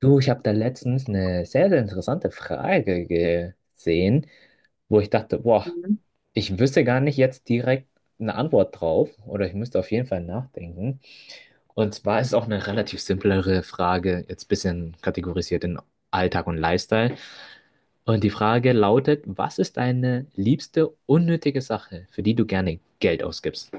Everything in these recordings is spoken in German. Du, ich habe da letztens eine sehr, sehr interessante Frage gesehen, wo ich dachte, boah, Mhm. ich wüsste gar nicht jetzt direkt eine Antwort drauf oder ich müsste auf jeden Fall nachdenken. Und zwar ist es auch eine relativ simplere Frage, jetzt ein bisschen kategorisiert in Alltag und Lifestyle. Und die Frage lautet, was ist deine liebste unnötige Sache, für die du gerne Geld ausgibst?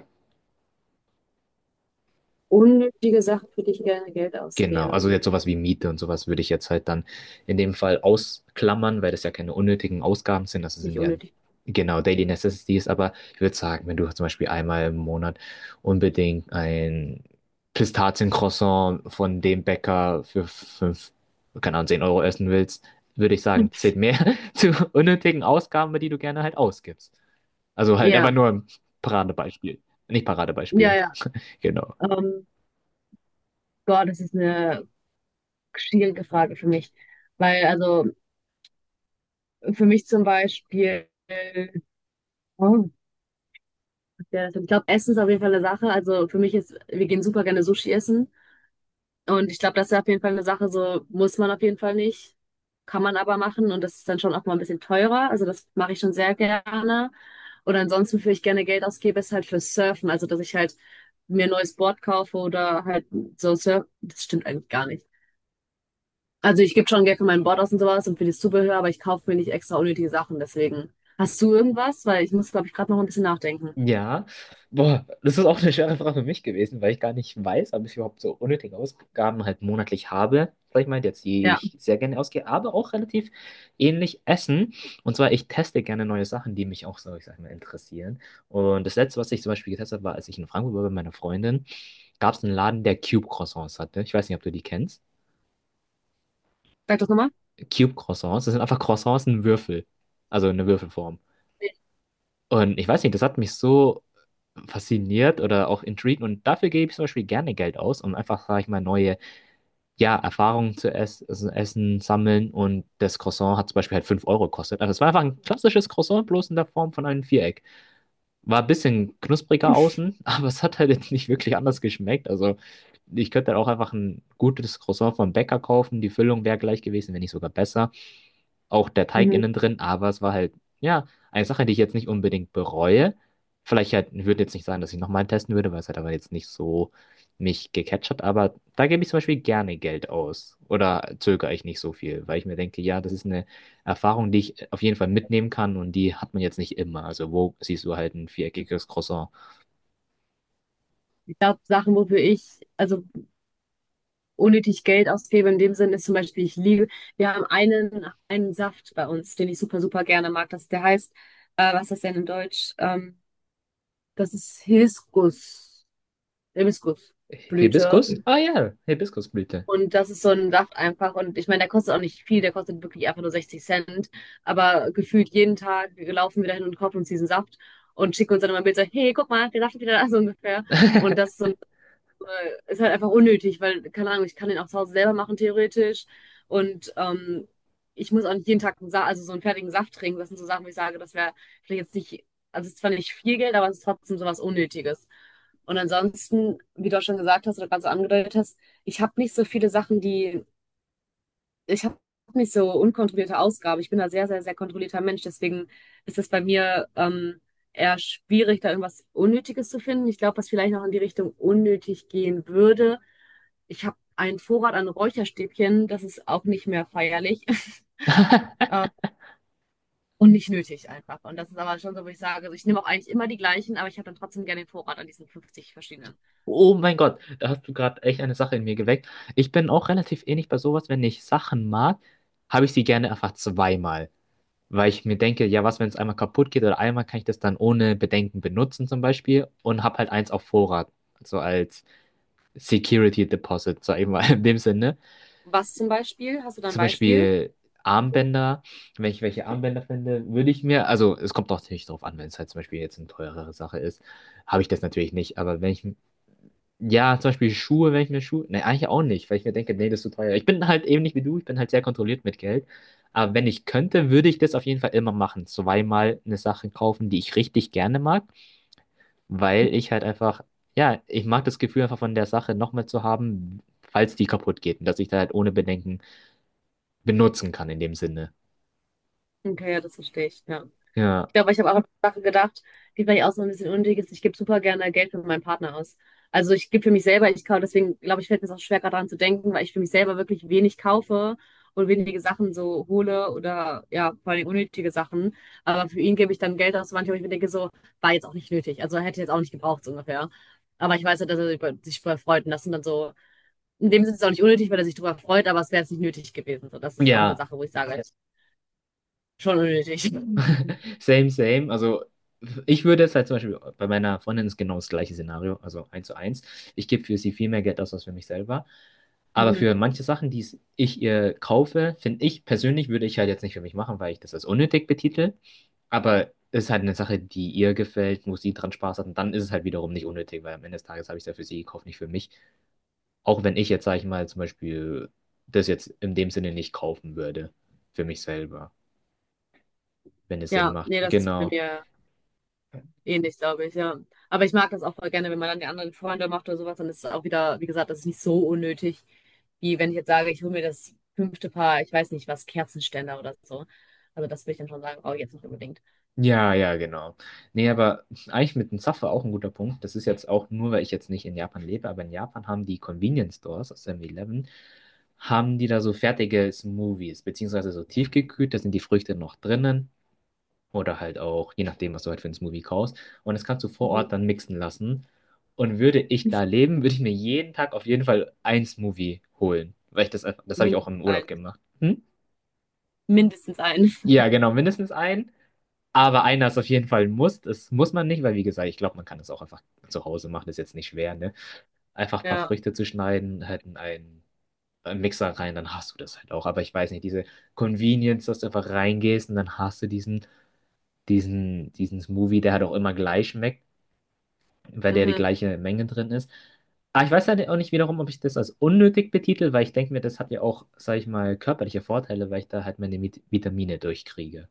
Unnötige Sachen, für die ich gerne Geld Genau, also ausgebe. jetzt sowas wie Miete und sowas würde ich jetzt halt dann in dem Fall ausklammern, weil das ja keine unnötigen Ausgaben sind. Das sind Nicht ja unnötig. genau Daily Necessities, aber ich würde sagen, wenn du zum Beispiel einmal im Monat unbedingt ein Pistaziencroissant von dem Bäcker für fünf, keine Ahnung, 10 Euro essen willst, würde ich sagen, zählt mehr zu unnötigen Ausgaben, die du gerne halt ausgibst. Also halt einfach Ja, nur ein Paradebeispiel. Nicht ja, Paradebeispiel, ja. genau. Ähm, Gott, das ist eine schwierige Frage für mich. Weil, also, für mich zum Beispiel, oh, ja, ich glaube, Essen ist auf jeden Fall eine Sache. Also, für mich ist, wir gehen super gerne Sushi essen. Und ich glaube, das ist ja auf jeden Fall eine Sache, so muss man auf jeden Fall nicht, kann man aber machen und das ist dann schon auch mal ein bisschen teurer. Also das mache ich schon sehr gerne. Und ansonsten, wofür ich gerne Geld ausgebe, ist halt für Surfen. Also, dass ich halt mir ein neues Board kaufe oder halt so Surf. Das stimmt eigentlich gar nicht. Also, ich gebe schon Geld für mein Board aus und sowas und für das Zubehör, aber ich kaufe mir nicht extra unnötige Sachen. Deswegen, hast du irgendwas? Weil ich muss, glaube ich, gerade noch ein bisschen nachdenken. Ja, boah, das ist auch eine schwere Frage für mich gewesen, weil ich gar nicht weiß, ob ich überhaupt so unnötige Ausgaben halt monatlich habe, sag ich mal, jetzt die Ja, ich sehr gerne ausgehe, aber auch relativ ähnlich essen. Und zwar, ich teste gerne neue Sachen, die mich auch so, ich sag mal, interessieren. Und das Letzte, was ich zum Beispiel getestet habe, war, als ich in Frankfurt war bei meiner Freundin, gab es einen Laden, der Cube Croissants hatte. Ich weiß nicht, ob du die kennst. sag das nochmal. Cube Croissants, das sind einfach Croissants in Würfel, also eine Würfelform. Nee. Und ich weiß nicht, das hat mich so fasziniert oder auch intrigued und dafür gebe ich zum Beispiel gerne Geld aus, um einfach, sage ich mal, neue, ja, Erfahrungen zu essen, sammeln und das Croissant hat zum Beispiel halt 5 Euro gekostet. Also es war einfach ein klassisches Croissant, bloß in der Form von einem Viereck. War ein bisschen knuspriger außen, aber es hat halt jetzt nicht wirklich anders geschmeckt, also ich könnte halt auch einfach ein gutes Croissant vom Bäcker kaufen, die Füllung wäre gleich gewesen, wenn nicht sogar besser auch der Teig Mhm. innen drin, aber es war halt, ja, eine Sache, die ich jetzt nicht unbedingt bereue. Vielleicht halt, ich würde jetzt nicht sagen, dass ich nochmal testen würde, weil es halt aber jetzt nicht so mich gecatcht hat, aber da gebe ich zum Beispiel gerne Geld aus oder zögere ich nicht so viel, weil ich mir denke, ja, das ist eine Erfahrung, die ich auf jeden Fall mitnehmen kann und die hat man jetzt nicht immer. Also wo siehst du halt ein viereckiges Croissant? Ich glaube, Sachen, wofür ich, also unnötig Geld ausgebe. In dem Sinne ist zum Beispiel, ich liebe, wir haben einen Saft bei uns, den ich super, super gerne mag. Das, der heißt, was ist das denn in Deutsch? Das ist Hibiskus, Hibiskusblüte. Hibiskus? Ah ja, Hibiskusblüte. Und das ist so ein Saft einfach. Und ich meine, der kostet auch nicht viel, der kostet wirklich einfach nur 60 Cent. Aber gefühlt jeden Tag laufen wir dahin und kaufen uns diesen Saft und schicken uns dann immer ein Bild so, hey, guck mal, der Saft ist wieder da, so ungefähr. Und das ist so ist halt einfach unnötig, weil, keine Ahnung, ich kann den auch zu Hause selber machen, theoretisch. Und ich muss auch nicht jeden Tag einen Sa also so einen fertigen Saft trinken. Das sind so Sachen, wo ich sage, das wäre vielleicht jetzt nicht, also es ist zwar nicht viel Geld, aber es ist trotzdem sowas Unnötiges. Und ansonsten, wie du auch schon gesagt hast oder gerade so angedeutet hast, ich habe nicht so viele Sachen, die ich habe nicht so unkontrollierte Ausgabe. Ich bin da sehr, sehr, sehr kontrollierter Mensch. Deswegen ist es bei mir eher schwierig, da irgendwas Unnötiges zu finden. Ich glaube, was vielleicht noch in die Richtung unnötig gehen würde. Ich habe einen Vorrat an Räucherstäbchen. Das ist auch nicht mehr feierlich. Ähm, und nicht nötig einfach. Und das ist aber schon so, wo ich sage, also ich nehme auch eigentlich immer die gleichen, aber ich habe dann trotzdem gerne den Vorrat an diesen 50 verschiedenen. Oh mein Gott, da hast du gerade echt eine Sache in mir geweckt. Ich bin auch relativ ähnlich bei sowas, wenn ich Sachen mag, habe ich sie gerne einfach zweimal. Weil ich mir denke, ja, was, wenn es einmal kaputt geht oder einmal kann ich das dann ohne Bedenken benutzen zum Beispiel und habe halt eins auf Vorrat. So als Security Deposit, sag ich mal in dem Sinne. Was zum Beispiel? Hast du da ein Zum Beispiel? Beispiel Armbänder, wenn ich welche Armbänder finde, würde ich mir, also es kommt auch natürlich drauf an, wenn es halt zum Beispiel jetzt eine teurere Sache ist, habe ich das natürlich nicht, aber wenn ich ja, zum Beispiel Schuhe, wenn ich mir Schuhe. Ne, eigentlich auch nicht, weil ich mir denke, nee, das ist zu teuer. Ich bin halt eben nicht wie du, ich bin halt sehr kontrolliert mit Geld. Aber wenn ich könnte, würde ich das auf jeden Fall immer machen. Zweimal eine Sache kaufen, die ich richtig gerne mag, Hm. weil ich halt einfach, ja, ich mag das Gefühl einfach von der Sache nochmal zu haben, falls die kaputt geht und dass ich da halt ohne Bedenken benutzen kann in dem Sinne. Okay, ja, das verstehe ich. Ja. Ja. Ich glaube, ich habe auch an Sachen gedacht, die vielleicht auch so ein bisschen unnötig ist. Ich gebe super gerne Geld für meinen Partner aus. Also ich gebe für mich selber, ich kaufe, deswegen glaube ich, fällt mir es auch schwer, gerade daran zu denken, weil ich für mich selber wirklich wenig kaufe und wenige Sachen so hole oder ja, vor allem unnötige Sachen. Aber für ihn gebe ich dann Geld aus, manchmal, wo ich mir denke, so, war jetzt auch nicht nötig. Also hätte ich jetzt auch nicht gebraucht, so ungefähr. Aber ich weiß ja, dass er sich sich darüber freut und das sind dann so, in dem Sinne ist es auch nicht unnötig, weil er sich darüber freut, aber es wäre jetzt nicht nötig gewesen. So, das ist auch eine Ja. Sache, wo ich sage, schon unnötig. Same, same. Also ich würde jetzt halt zum Beispiel, bei meiner Freundin ist genau das gleiche Szenario, also eins zu eins. Ich gebe für sie viel mehr Geld aus als für mich selber. Aber Mhm. für manche Sachen, die ich ihr kaufe, finde ich persönlich, würde ich halt jetzt nicht für mich machen, weil ich das als unnötig betitel. Aber es ist halt eine Sache, die ihr gefällt, wo sie dran Spaß hat. Und dann ist es halt wiederum nicht unnötig, weil am Ende des Tages habe ich es ja für sie gekauft, nicht für mich. Auch wenn ich jetzt, sage ich mal, zum Beispiel das jetzt in dem Sinne nicht kaufen würde, für mich selber, wenn es Sinn Ja, macht. nee, das ist bei Genau. mir ähnlich, glaube ich, ja. Aber ich mag das auch voll gerne, wenn man dann die anderen Freunde macht oder sowas, dann ist es auch wieder, wie gesagt, das ist nicht so unnötig, wie wenn ich jetzt sage, ich hole mir das fünfte Paar, ich weiß nicht was, Kerzenständer oder so. Also das würde ich dann schon sagen, oh, jetzt nicht unbedingt. Ja, ja, genau. Nee, aber eigentlich mit dem Zaffer auch ein guter Punkt. Das ist jetzt auch nur, weil ich jetzt nicht in Japan lebe, aber in Japan haben die Convenience Stores, also 7-Eleven, haben die da so fertige Smoothies, beziehungsweise so tiefgekühlt, da sind die Früchte noch drinnen oder halt auch, je nachdem, was du halt für einen Smoothie kaufst. Und das kannst du vor Mhm. Ort dann mixen lassen. Und würde ich da leben, würde ich mir jeden Tag auf jeden Fall ein Smoothie holen, weil ich das einfach, das habe ich auch Mindestens im Urlaub ein. gemacht. Hm? Mindestens ein. Ja, genau, mindestens einen. Aber einer ist auf jeden Fall ein Muss. Das muss man nicht, weil wie gesagt, ich glaube, man kann das auch einfach zu Hause machen. Ist jetzt nicht schwer, ne? Einfach ein paar Ja. Früchte zu schneiden, halt in einen Mixer rein, dann hast du das halt auch. Aber ich weiß nicht, diese Convenience, dass du einfach reingehst und dann hast du diesen Smoothie, der halt auch immer gleich schmeckt, weil der die Mhm. gleiche Menge drin ist. Aber ich weiß halt auch nicht wiederum, ob ich das als unnötig betitel, weil ich denke mir, das hat ja auch, sag ich mal, körperliche Vorteile, weil ich da halt meine Vitamine durchkriege.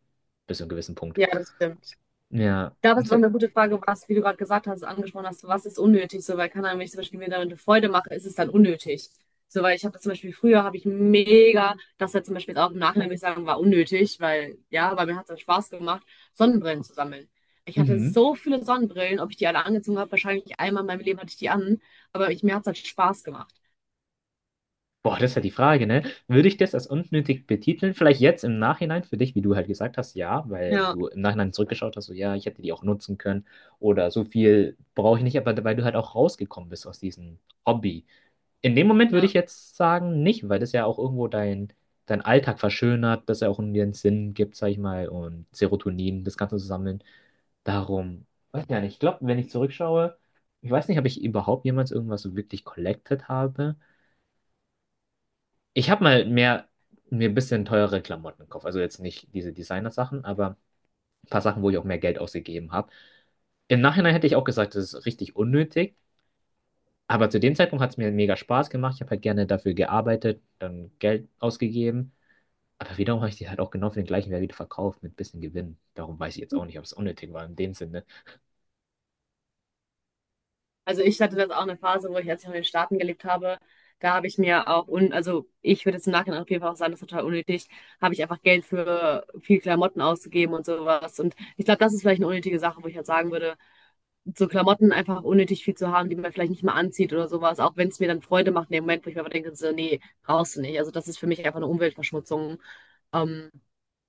Bis zu einem gewissen Punkt. Ja, das stimmt. Ich Ja. glaube, es Das ist ist auch halt, eine gute Frage, was, wie du gerade gesagt hast, angesprochen hast, was ist unnötig? So, weil, keine Ahnung, wenn ich zum Beispiel mir damit eine Freude mache, ist es dann unnötig. So, weil ich habe das zum Beispiel früher, habe ich mega, das jetzt zum Beispiel jetzt auch im Nachhinein würde ich sagen, war unnötig, weil, ja, weil mir hat es dann Spaß gemacht, Sonnenbrillen zu sammeln. Ich hatte mhm. so viele Sonnenbrillen, ob ich die alle angezogen habe, wahrscheinlich einmal in meinem Leben hatte ich die an, aber ich, mir hat es halt Spaß gemacht. Boah, das ist halt die Frage, ne? Würde ich das als unnötig betiteln? Vielleicht jetzt im Nachhinein für dich, wie du halt gesagt hast, ja, weil Ja, du im Nachhinein zurückgeschaut hast, so ja, ich hätte die auch nutzen können oder so viel brauche ich nicht, aber weil du halt auch rausgekommen bist aus diesem Hobby. In dem Moment würde ich ja. jetzt sagen, nicht, weil das ja auch irgendwo dein Alltag verschönert, dass er auch irgendwie einen Sinn gibt, sag ich mal, und Serotonin, das Ganze zu sammeln. Darum, weiß ja nicht. Ich glaube, wenn ich zurückschaue, ich weiß nicht, ob ich überhaupt jemals irgendwas so wirklich collected habe. Ich habe mal mehr, mir ein bisschen teurere Klamotten gekauft. Also jetzt nicht diese Designer-Sachen, aber ein paar Sachen, wo ich auch mehr Geld ausgegeben habe. Im Nachhinein hätte ich auch gesagt, das ist richtig unnötig. Aber zu dem Zeitpunkt hat es mir mega Spaß gemacht. Ich habe halt gerne dafür gearbeitet, dann Geld ausgegeben. Aber wiederum habe ich die halt auch genau für den gleichen Wert wieder verkauft mit ein bisschen Gewinn. Darum weiß ich jetzt auch nicht, ob es unnötig war in dem Sinne. Also ich hatte das auch eine Phase, wo ich, als ich noch in den Staaten gelebt habe, da habe ich mir auch, un also ich würde jetzt im Nachhinein auf jeden Fall auch sagen, das ist total unnötig, habe ich einfach Geld für viel Klamotten ausgegeben und sowas. Und ich glaube, das ist vielleicht eine unnötige Sache, wo ich halt sagen würde, so Klamotten einfach unnötig viel zu haben, die man vielleicht nicht mal anzieht oder sowas, auch wenn es mir dann Freude macht in dem Moment, wo ich mir aber denke, so, nee, brauchst du nicht. Also das ist für mich einfach eine Umweltverschmutzung. Ähm,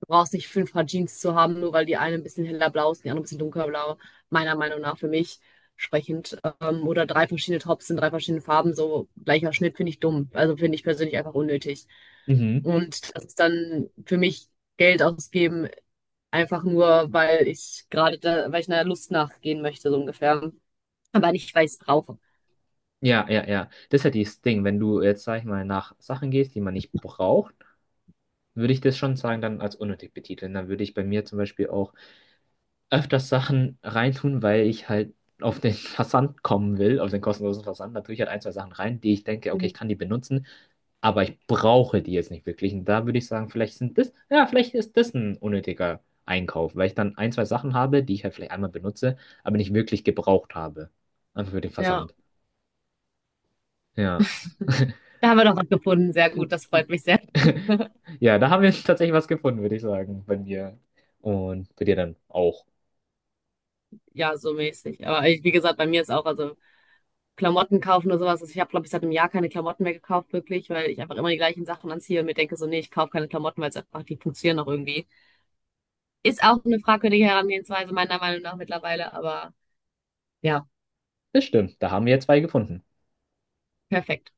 Du brauchst nicht fünf Paar Jeans zu haben, nur weil die eine ein bisschen heller blau ist und die andere ein bisschen dunkelblau. Meiner Meinung nach für mich sprechend. Oder drei verschiedene Tops in drei verschiedenen Farben, so gleicher Schnitt finde ich dumm. Also finde ich persönlich einfach unnötig. Mhm. Und das ist dann für mich Geld ausgeben, einfach nur, weil ich gerade da, weil ich einer Lust nachgehen möchte, so ungefähr. Aber nicht, weil ich es brauche. Ja, ja, ja. Das ist halt das Ding. Wenn du jetzt, sag ich mal, nach Sachen gehst, die man nicht braucht, würde ich das schon sagen, dann als unnötig betiteln. Dann würde ich bei mir zum Beispiel auch öfters Sachen reintun, weil ich halt auf den Versand kommen will, auf den kostenlosen Versand. Da tue ich halt ein, zwei Sachen rein, die ich denke, okay, Mhm. ich kann die benutzen, aber ich brauche die jetzt nicht wirklich. Und da würde ich sagen, vielleicht sind das, ja, vielleicht ist das ein unnötiger Einkauf, weil ich dann ein, zwei Sachen habe, die ich halt vielleicht einmal benutze, aber nicht wirklich gebraucht habe. Einfach für den Ja, Versand. Ja. da haben wir doch was gefunden. Sehr gut, das freut mich sehr. Ja, da haben wir tatsächlich was gefunden, würde ich sagen, bei mir. Und bei dir dann auch. Ja, so mäßig. Aber ich, wie gesagt, bei mir ist auch, also Klamotten kaufen oder sowas. Also ich habe, glaube ich, seit einem Jahr keine Klamotten mehr gekauft, wirklich, weil ich einfach immer die gleichen Sachen anziehe und mir denke so, nee, ich kaufe keine Klamotten, weil es einfach, die funktionieren noch irgendwie. Ist auch eine fragwürdige Herangehensweise, meiner Meinung nach mittlerweile, aber ja, Das stimmt, da haben wir zwei gefunden. perfekt.